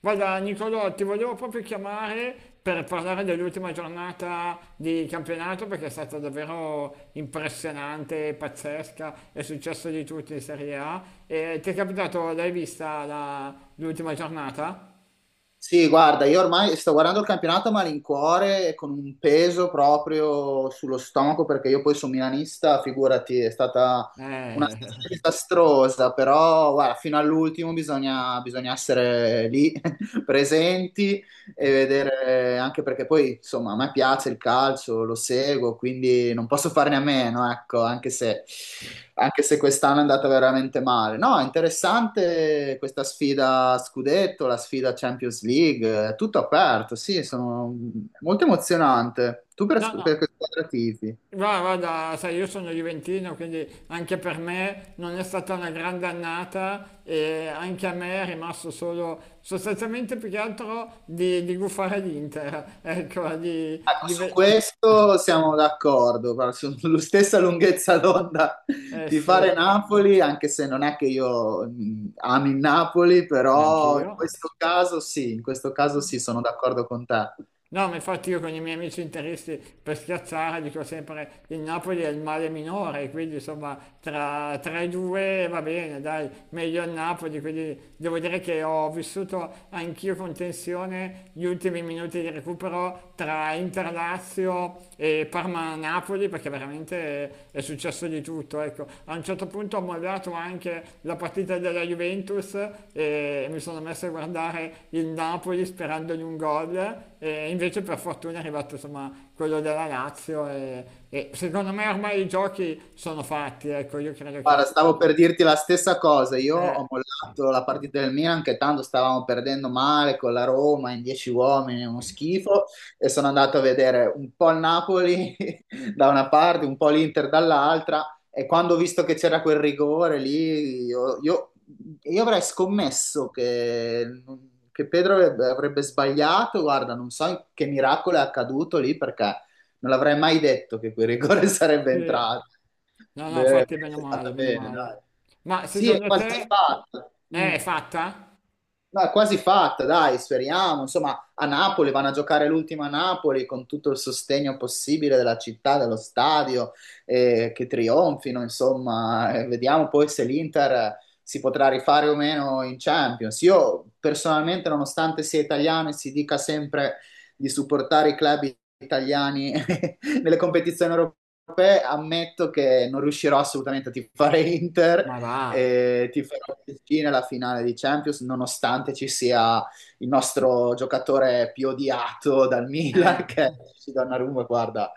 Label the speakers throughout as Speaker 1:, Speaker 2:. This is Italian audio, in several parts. Speaker 1: Guarda, Nicolò, ti volevo proprio chiamare per parlare dell'ultima giornata di campionato perché è stata davvero impressionante, pazzesca, è successo di tutto in Serie A. E ti è capitato, l'ultima giornata?
Speaker 2: Sì, guarda, io ormai sto guardando il campionato a malincuore e con un peso proprio sullo stomaco perché io poi sono milanista, figurati, è stata una
Speaker 1: Eh.
Speaker 2: stagione disastrosa, però guarda, fino all'ultimo bisogna essere lì presenti e vedere anche perché poi, insomma, a me piace il calcio, lo seguo, quindi non posso farne a meno, ecco, anche se quest'anno è andata veramente male. No, è interessante questa sfida a scudetto, la sfida Champions League, è tutto aperto, sì, sono molto emozionante. Tu
Speaker 1: No, no.
Speaker 2: per che squadra tifi?
Speaker 1: Guarda, guarda, sai, io sono Juventino, quindi anche per me non è stata una grande annata e anche a me è rimasto solo sostanzialmente più che altro di gufare l'Inter, ecco,
Speaker 2: Ecco, su questo siamo d'accordo, guarda, sulla stessa lunghezza d'onda
Speaker 1: Eh
Speaker 2: di fare
Speaker 1: sì,
Speaker 2: Napoli, anche se non è che io ami il Napoli, però in
Speaker 1: neanch'io.
Speaker 2: questo caso sì, in questo caso sì, sono d'accordo con te.
Speaker 1: No, ma infatti io con i miei amici interisti per schiazzare dico sempre il Napoli è il male minore, quindi insomma tra i due va bene, dai, meglio il Napoli, quindi devo dire che ho vissuto anch'io con tensione gli ultimi minuti di recupero tra Interlazio e Parma-Napoli, sì, perché veramente è successo di tutto, ecco. A un certo punto ho mollato anche la partita della Juventus e mi sono messo a guardare il Napoli sperando in un gol e invece per fortuna è arrivato insomma quello della Lazio e secondo me ormai i giochi sono fatti, ecco, io credo
Speaker 2: Guarda,
Speaker 1: che...
Speaker 2: stavo per dirti la stessa cosa. Io
Speaker 1: eh,
Speaker 2: ho mollato la partita del Milan, che tanto stavamo perdendo male con la Roma in 10 uomini, uno schifo. E sono andato a vedere un po' il Napoli da una parte, un po' l'Inter dall'altra. E quando ho visto che c'era quel rigore lì, io avrei scommesso che Pedro avrebbe sbagliato. Guarda, non so che miracolo è accaduto lì perché non avrei mai detto che quel rigore sarebbe
Speaker 1: sì.
Speaker 2: entrato.
Speaker 1: No, no,
Speaker 2: Beh,
Speaker 1: infatti meno
Speaker 2: è
Speaker 1: male,
Speaker 2: stata
Speaker 1: meno
Speaker 2: bene,
Speaker 1: male.
Speaker 2: dai.
Speaker 1: Ma
Speaker 2: Sì, è
Speaker 1: secondo
Speaker 2: quasi
Speaker 1: te
Speaker 2: fatto.
Speaker 1: è fatta?
Speaker 2: No, è quasi fatta, dai, speriamo. Insomma, a Napoli vanno a giocare l'ultima a Napoli con tutto il sostegno possibile della città, dello stadio, che trionfino, insomma. Vediamo poi se l'Inter si potrà rifare o meno in Champions. Io personalmente, nonostante sia italiano e si dica sempre di supportare i club italiani nelle competizioni europee, ammetto che non riuscirò assolutamente a tifare Inter
Speaker 1: Ma va,
Speaker 2: e ti farò vicino alla finale di Champions, nonostante ci sia il nostro giocatore più odiato dal Milan,
Speaker 1: eh.
Speaker 2: che è Donnarumma, guarda,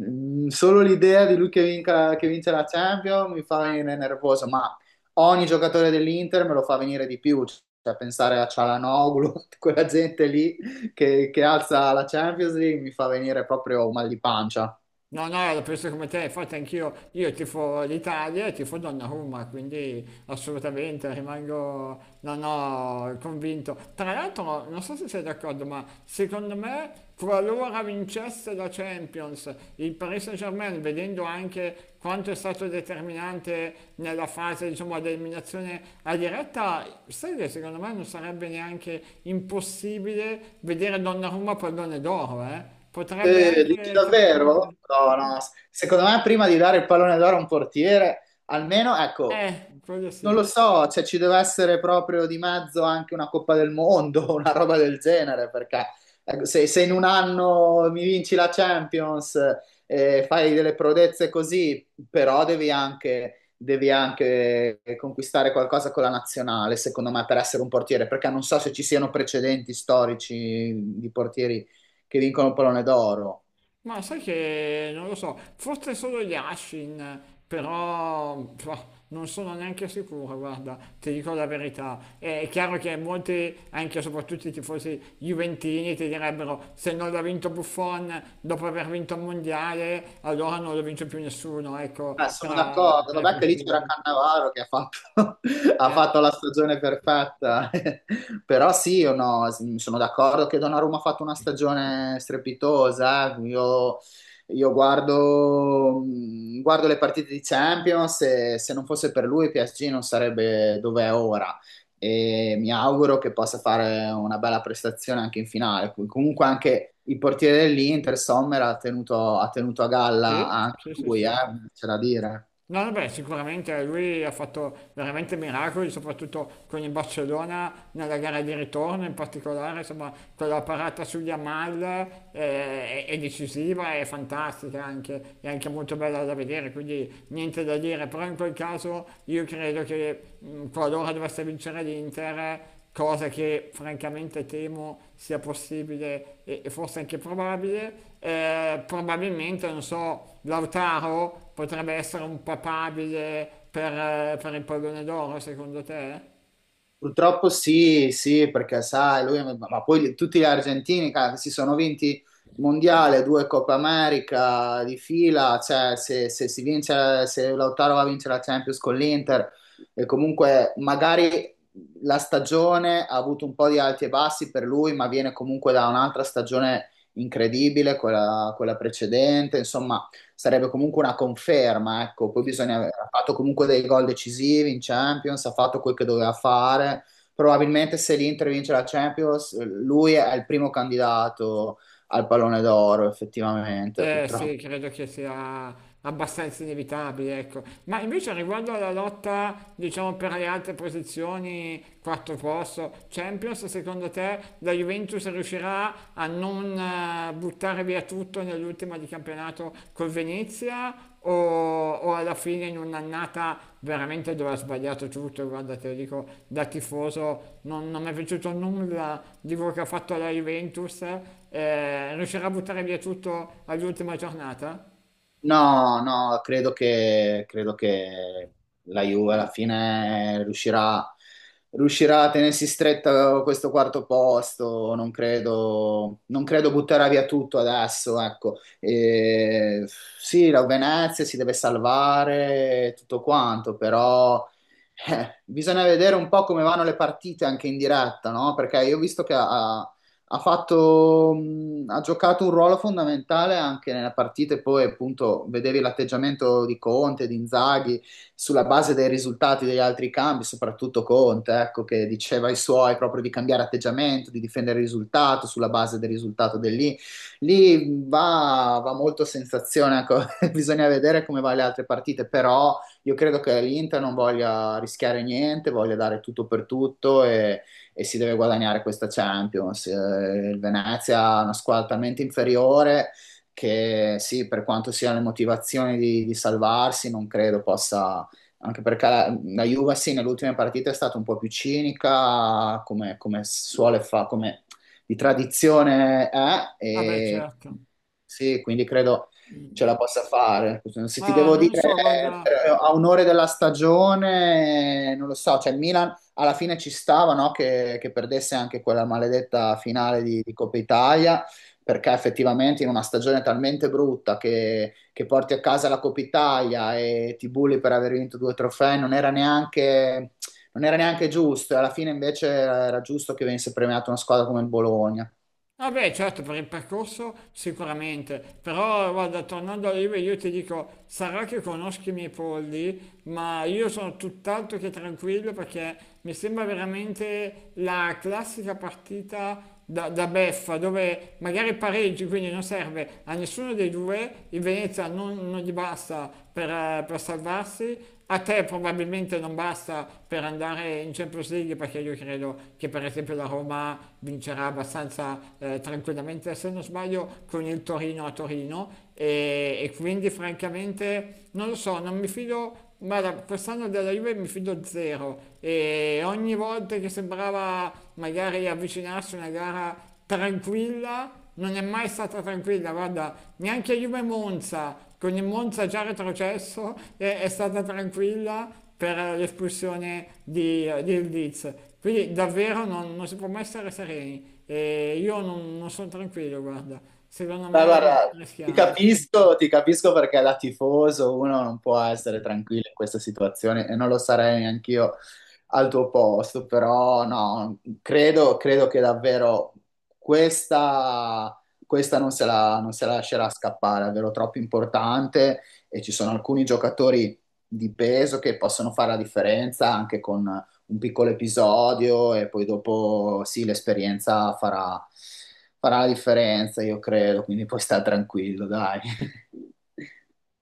Speaker 2: solo l'idea di lui che vince la Champions mi fa venire nervoso, ma ogni giocatore dell'Inter me lo fa venire di più, cioè pensare a Cialanoglu, quella gente lì che alza la Champions League mi fa venire proprio mal di pancia.
Speaker 1: No, no, la penso come te, infatti anch'io, io tifo l'Italia e tifo Donnarumma, quindi assolutamente rimango, no, no, convinto. Tra l'altro, non so se sei d'accordo, ma secondo me, qualora vincesse la Champions, il Paris Saint-Germain, vedendo anche quanto è stato determinante nella fase, diciamo, ad eliminazione a diretta, sai che secondo me non sarebbe neanche impossibile vedere Donnarumma pallone d'oro, eh? Potrebbe
Speaker 2: Dici
Speaker 1: anche
Speaker 2: davvero?
Speaker 1: capitare.
Speaker 2: No, no, secondo me prima di dare il pallone d'oro a un portiere, almeno, ecco,
Speaker 1: Quello
Speaker 2: non lo
Speaker 1: sì.
Speaker 2: so, cioè ci deve essere proprio di mezzo anche una Coppa del Mondo, una roba del genere, perché ecco, se in un anno mi vinci la Champions e fai delle prodezze così, però devi anche conquistare qualcosa con la nazionale, secondo me, per essere un portiere, perché non so se ci siano precedenti storici di portieri che vincono il pallone d'oro.
Speaker 1: Ma sai che non lo so, forse solo Yashin, però pff, non sono neanche sicuro, guarda, ti dico la verità. È chiaro che molti, anche e soprattutto i tifosi juventini, ti direbbero se non l'ha vinto Buffon dopo aver vinto il mondiale, allora non lo vince più nessuno, ecco,
Speaker 2: Sono
Speaker 1: tra,
Speaker 2: d'accordo,
Speaker 1: tra i
Speaker 2: vabbè che lì c'era
Speaker 1: portieri.
Speaker 2: Cannavaro che ha
Speaker 1: Eh,
Speaker 2: fatto la stagione perfetta, però sì, io no, s- sono d'accordo che Donnarumma ha fatto una stagione strepitosa, eh. Io guardo le partite di Champions e se non fosse per lui PSG non sarebbe dove è ora, e mi auguro che possa fare una bella prestazione anche in finale. Comunque anche il portiere dell'Inter, Sommer, ha tenuto a galla
Speaker 1: sì,
Speaker 2: anche
Speaker 1: sì, sì,
Speaker 2: lui,
Speaker 1: sì.
Speaker 2: c'è da dire.
Speaker 1: No, vabbè, sicuramente lui ha fatto veramente miracoli, soprattutto con il Barcellona nella gara di ritorno, in particolare, insomma, quella parata sugli Amal, è decisiva, è fantastica anche, è anche molto bella da vedere, quindi niente da dire, però in quel caso io credo che qualora dovesse vincere l'Inter, cosa che francamente temo sia possibile e forse anche probabile. Probabilmente, non so, Lautaro potrebbe essere un papabile per il pallone d'oro, secondo te?
Speaker 2: Purtroppo sì, sì, perché sai, lui, ma tutti gli argentini cara, che si sono vinti il mondiale, due Coppa America di fila, cioè se si vince, se Lautaro va a vincere la Champions con l'Inter e comunque magari la stagione ha avuto un po' di alti e bassi per lui, ma viene comunque da un'altra stagione incredibile, quella precedente, insomma sarebbe comunque una conferma, ecco, poi
Speaker 1: Sì,
Speaker 2: bisogna
Speaker 1: sì.
Speaker 2: aver ha fatto comunque dei gol decisivi in Champions, ha fatto quel che doveva fare, probabilmente se l'Inter vince la Champions, lui è il primo candidato al pallone d'oro, effettivamente,
Speaker 1: Eh
Speaker 2: purtroppo.
Speaker 1: sì, credo che sia abbastanza inevitabile, ecco. Ma invece riguardo alla lotta, diciamo, per le altre posizioni, quarto posto, Champions, secondo te la Juventus riuscirà a non, buttare via tutto nell'ultima di campionato col Venezia? O o alla fine in un'annata veramente dove ha sbagliato tutto, guarda, te lo dico da tifoso, non mi è piaciuto nulla di quello che ha fatto la Juventus, riuscirà a buttare via tutto all'ultima giornata?
Speaker 2: No, no, credo che la Juve alla fine riuscirà a tenersi stretta questo quarto posto. Non credo butterà via tutto adesso, ecco. E, sì, la Venezia si deve salvare, tutto quanto, però bisogna vedere un po' come vanno le partite anche in diretta, no? Perché io ho visto che a ha giocato un ruolo fondamentale anche nella partita e poi appunto vedevi l'atteggiamento di Conte, di Inzaghi, sulla base dei risultati degli altri cambi, soprattutto Conte, ecco, che diceva ai suoi proprio di cambiare atteggiamento, di difendere il risultato sulla base del risultato del lì. Lì va molto a sensazione, ecco, bisogna vedere come va le altre partite, però io credo che l'Inter non voglia rischiare niente, voglia dare tutto per tutto e si deve guadagnare questa Champions. Il Venezia è una squadra talmente inferiore che sì, per quanto siano le motivazioni di salvarsi, non credo possa, anche perché la Juve sì, nell'ultima partita è stata un po' più cinica, come suole fa, come di tradizione è,
Speaker 1: Vabbè
Speaker 2: e
Speaker 1: certo,
Speaker 2: sì, quindi credo ce la possa fare. Se ti
Speaker 1: ma
Speaker 2: devo
Speaker 1: non lo
Speaker 2: dire,
Speaker 1: so, guarda.
Speaker 2: a un'ora della stagione, non lo so, cioè il Milan alla fine ci stava, no, che perdesse anche quella maledetta finale di Coppa Italia, perché effettivamente in una stagione talmente brutta che porti a casa la Coppa Italia e ti bulli per aver vinto due trofei non era neanche giusto, e alla fine invece era giusto che venisse premiata una squadra come il Bologna.
Speaker 1: Vabbè, certo, per il percorso sicuramente, però guarda, tornando all'IVA io ti dico, sarà che conosco i miei polli, ma io sono tutt'altro che tranquillo perché mi sembra veramente la classica partita da beffa, dove magari pareggi, quindi non serve a nessuno dei due, il Venezia non gli basta per per salvarsi. A te probabilmente non basta per andare in Champions League perché io credo che per esempio la Roma vincerà abbastanza, tranquillamente, se non sbaglio, con il Torino a Torino e quindi francamente non lo so, non mi fido. Guarda, quest'anno della Juve mi fido zero e ogni volta che sembrava magari avvicinarsi a una gara tranquilla, non è mai stata tranquilla, guarda, neanche Juve Monza, con il Monza già retrocesso, è stata tranquilla per l'espulsione di Ildiz. Quindi davvero non si può mai stare sereni. E io non sono tranquillo, guarda. Secondo
Speaker 2: Ma
Speaker 1: me
Speaker 2: guarda,
Speaker 1: rischiamo.
Speaker 2: ti capisco perché da tifoso uno non può essere tranquillo in questa situazione e non lo sarei neanch'io al tuo posto, però no, credo che davvero questa, questa non se la, non se la lascerà scappare, è davvero troppo importante e ci sono alcuni giocatori di peso che possono fare la differenza anche con un piccolo episodio e poi dopo sì, farà la differenza, io credo, quindi puoi stare tranquillo, dai.